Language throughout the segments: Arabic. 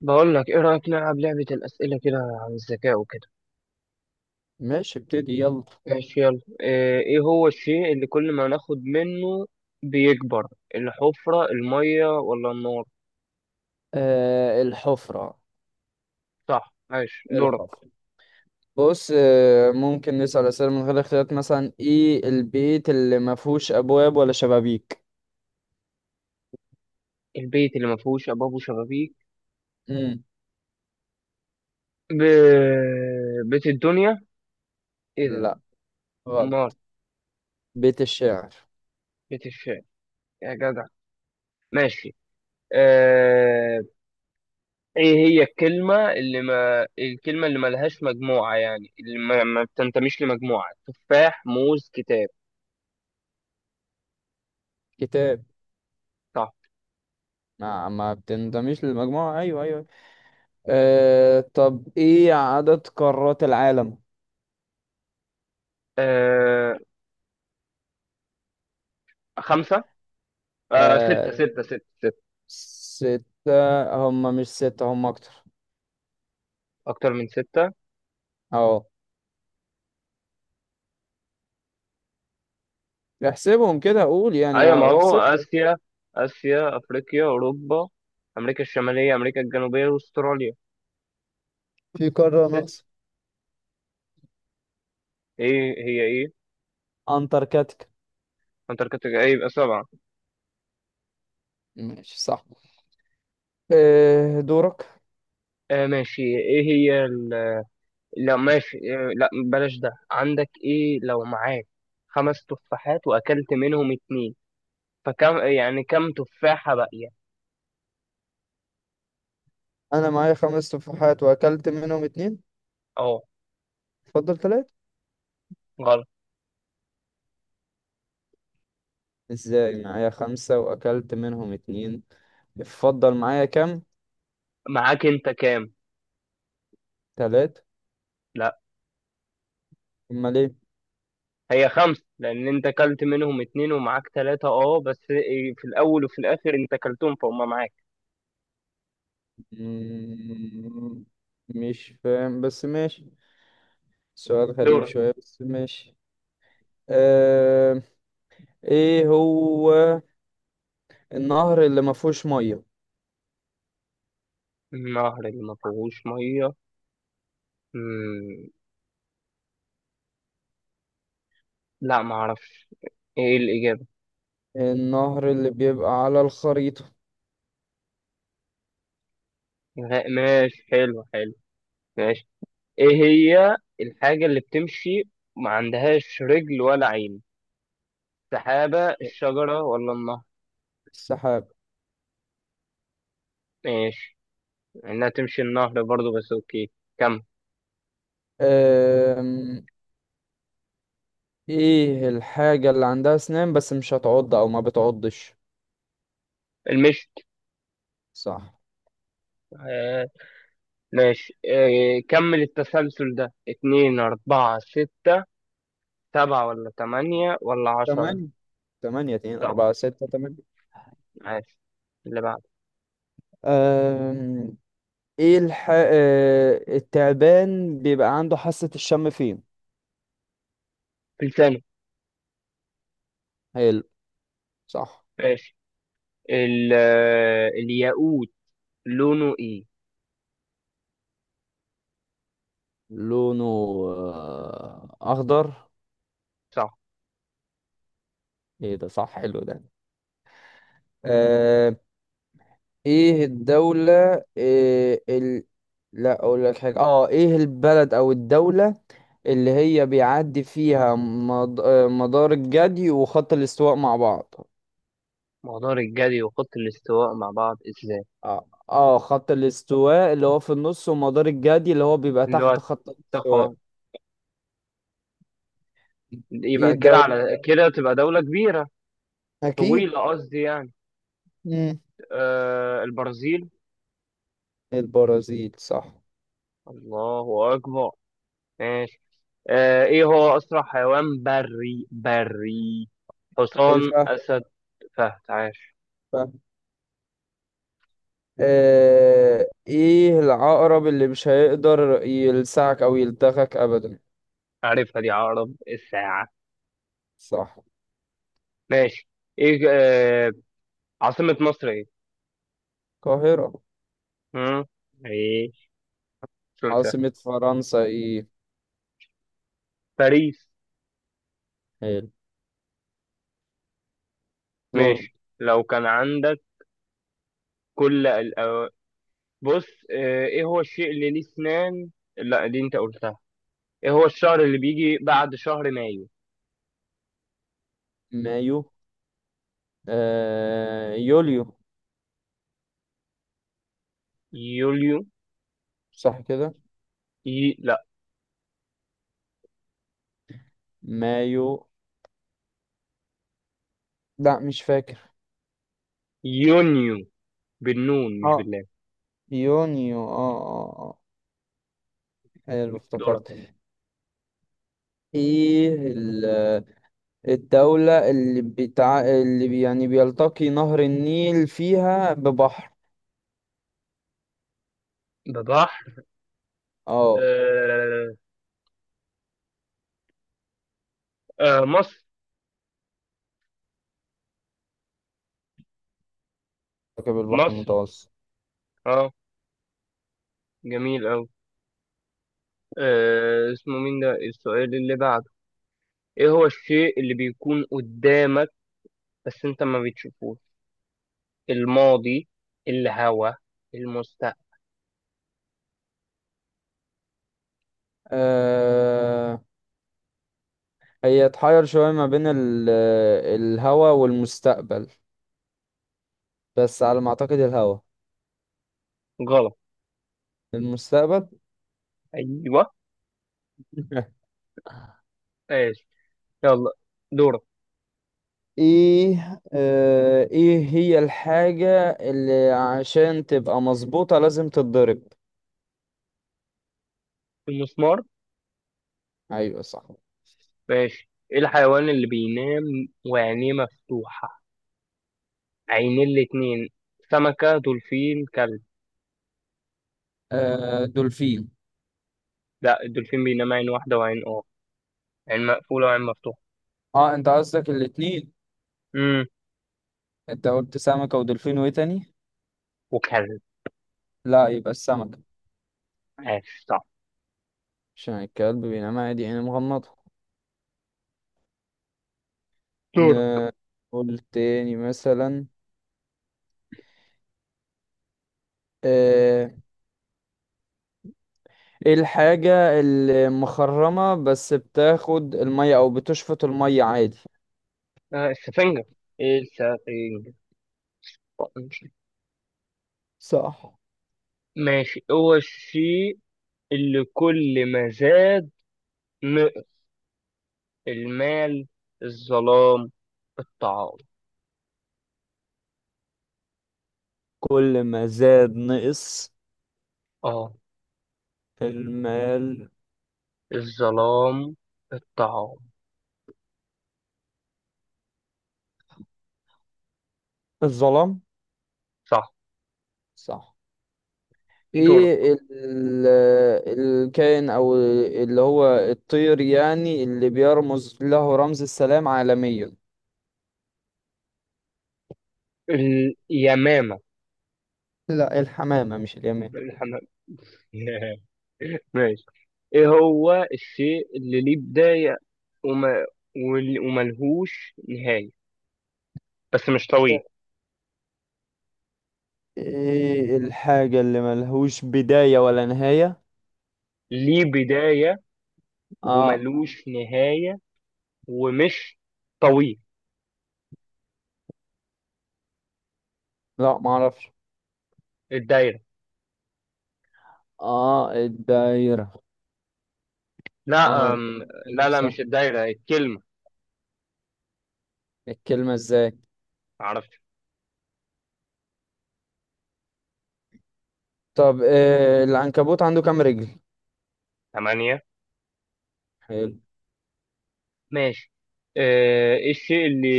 بقول لك، ايه رأيك نلعب لعبة الأسئلة كده عن الذكاء وكده؟ ماشي، ابتدي يلا. ماشي، يلا. ايه هو الشيء اللي كل ما ناخد منه بيكبر؟ الحفرة، المية، ولا النار؟ آه، الحفرة. صح. ماشي، دورك. الحفرة. بص، ممكن نسأل أسئلة من غير اختيارات، مثلا ايه البيت اللي ما فيهوش أبواب ولا شبابيك؟ البيت اللي ما فيهوش أبواب وشبابيك؟ مم. ب... بيت الدنيا. ايه ده؟ لا، امال؟ غلط. بيت الشعر. بيت الشعر؟ يا جدع! ماشي. آه... ايه هي الكلمة اللي ما الكلمة اللي ملهاش مجموعة، يعني اللي ما بتنتميش لمجموعة؟ تفاح، موز، كتاب؟ كتاب. صح. ما بتنضميش للمجموعة، أيوه أيوه. طب، ايه عدد قارات العالم؟ آه، خمسة. آه ستة ستة ستة ستة. ستة، هم مش ستة، هم أكتر. أكتر من ستة. أهو، احسبهم كده أقول يعني، أيوة، ما أهو هو احسب. آسيا. آسيا، أفريقيا، أوروبا، أمريكا الشمالية، أمريكا الجنوبية، وأستراليا. في قارة ست. ناقصة. إيه هي، إيه؟ أنتاركتيكا. أنتاركتيكا؟ إيه، يبقى سبعة. ماشي، صح. إيه دورك؟ ماشي. لا ماشي. لا بلاش ده. عندك إيه لو معاك 5 تفاحات وأكلت منهم اتنين، فكم، يعني كم تفاحة باقية؟ انا معايا خمس تفاحات واكلت منهم اتنين. أه، اتفضل، تلاتة. غلط. ازاي معايا خمسة واكلت منهم اتنين؟ اتفضل، معايا كام؟ معاك أنت كام؟ تلاتة. لا. امال ايه؟ هي خمسة لأن أنت أكلت منهم اتنين ومعاك تلاتة، أه، بس في الأول وفي الآخر أنت أكلتهم فهم معاك. مم، مش فاهم بس ماشي. سؤال غريب دورك. شوية بس ماشي. أه... ايه هو النهر اللي ما فيهوش مية؟ النهر اللي ما فيهوش مية؟ مم. لا ما أعرفش. إيه الإجابة؟ النهر اللي بيبقى على الخريطة. ماشي. حلو حلو. ماشي. إيه هي الحاجة اللي بتمشي ما عندهاش رجل ولا عين؟ سحابة، الشجرة، ولا النهر؟ السحاب. ماشي. إنها تمشي النهر برضو، بس أوكي. كم. أه... ايه الحاجة اللي عندها اسنان بس مش هتعض او ما بتعضش؟ المشت. صح. ماشي، إيه، كمل التسلسل ده: اتنين، أربعة، ستة. سبعة ولا تمانية ولا عشرة؟ تمانية. تمانية، اتنين، صح. اربعة، ستة، تمانية. ماشي، اللي بعده. أم... ايه الح... آه، التعبان بيبقى عنده حاسة الشم فين؟ فلسانه. حلو، صح. ماشي. الياقوت لونه ايه؟ لونه اخضر. صح. ايه ده؟ صح، حلو ده. ايه الدولة، لا، اقول لك حاجة. اه ايه البلد او الدولة اللي هي بيعدي فيها مد... آه، مدار الجدي وخط الاستواء مع بعض؟ مقدار الجري وخط الاستواء مع بعض ازاي؟ خط الاستواء اللي هو في النص، ومدار الجدي اللي هو بيبقى اللي تحت هو، خط تقا، الاستواء. ايه يبقى كده الدولة؟ على كده تبقى دولة كبيرة. اكيد. طويلة قصدي يعني. مم. البرازيل. البرازيل، صح. الله أكبر. ماشي. ايه هو اسرع حيوان بري بري؟ حصان، الفهم. اسد، فهد. عاش! فهم. ايه العقرب اللي مش هيقدر يلسعك او يلدغك ابدا؟ عارفها دي، عقرب الساعة. صح. ماشي. ايه آه عاصمة مصر ايه؟ القاهرة. هم؟ ايه. سلسة. عاصمة فرنسا ايه؟ باريس. حلو. دور. ماشي. لو كان عندك. كل الأو... بص. ايه هو الشيء اللي ليه اسنان؟ لا دي انت قلتها. ايه هو الشهر اللي بيجي بعد شهر مايو؟ مايو. يوليو. يوليو؟ صح كده. لا، مايو. لا، مش فاكر. يونيو. بالنون مش اه، باللام. يونيو، اه اه اه. حلو، دورك. افتكرت. ايه ال- الدولة، اللي بتاع اللي بي- يعني بيلتقي نهر النيل فيها ببحر؟ ده صح. اه. آه، مصر. كتاب البحر مصر. المتوسط. اه. جميل أوي. اسمه مين ده السؤال اللي بعده؟ ايه هو الشيء اللي بيكون قدامك بس انت ما بتشوفوش: الماضي، الهوا، المستقبل؟ آه هي اتحير شوية ما بين الهوا والمستقبل، بس على ما اعتقد الهوا. غلط. المستقبل. ايوه. ماشي، يلا. دورك. ايه هي الحاجة اللي عشان تبقى مظبوطة لازم تتضرب؟ المسمار. ايوه، صح. ماشي. ايه الحيوان اللي بينام وعينيه مفتوحة، عينيه الاتنين؟ سمكة، دولفين، كلب؟ دولفين. لا، الدولفين بينام عين واحدة وعين، عين مقفولة وعين مفتوحة. اه، انت قصدك الاتنين. امم انت قلت سمكة ودولفين وايه تاني؟ وكلب. لا، يبقى السمكة. ماشي صح. عشان الكلب بينام عادي يعني مغمضة. دورك. ن- قول تاني مثلا. آه ايه الحاجة اللي مخرمة بس بتاخد المية او بتشفط المية عادي؟ السفنجة. ايه السفنجة. صح. ماشي، هو الشيء اللي كل ما زاد نقص؟ المال، الظلام، الطعام؟ كل ما زاد نقص، اه، في المال؟ الظلام، الطعام. الظلام. صح. صح. دور. ايه ال- الكائن او اللي هو الطير يعني اللي بيرمز له رمز السلام عالميا؟ اليمامة. لا، الحمامة مش اليمين. الحمام. ماشي. ايه هو الشيء اللي ليه بداية وما وملهوش نهاية، بس مش طويل؟ ايه الحاجة اللي ملهوش بداية ولا نهاية؟ ليه بداية اه. وملوش نهاية ومش طويل. لا، معرفش. الدايرة؟ اه، الدايرة. اه، لا. ما لا بتتكلمش لا، صح. مش الدايرة، الكلمة. الكلمة ازاي؟ عرفت. طب إيه، العنكبوت عنده كام رجل؟ 8. حلو. ماشي. ايه الشيء اللي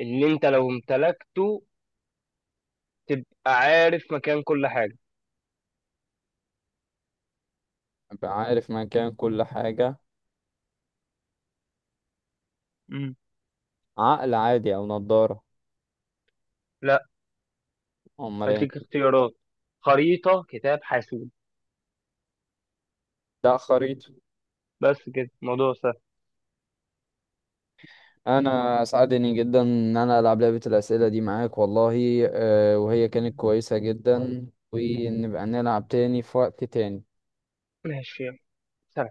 اللي انت لو امتلكته تبقى عارف مكان كل حاجة؟ ابقى عارف مكان كل حاجة. مم. عقل عادي او نضارة؟ لا. امال ايه؟ هديك اختيارات: خريطة، كتاب، حاسوب. لا، خريطة. بس كده الموضوع سهل. انا اسعدني جدا ان انا العب لعبة الاسئلة دي معاك والله. وهي كانت كويسة جدا، ونبقى نلعب تاني في وقت تاني. ماشي، يلا. سلام.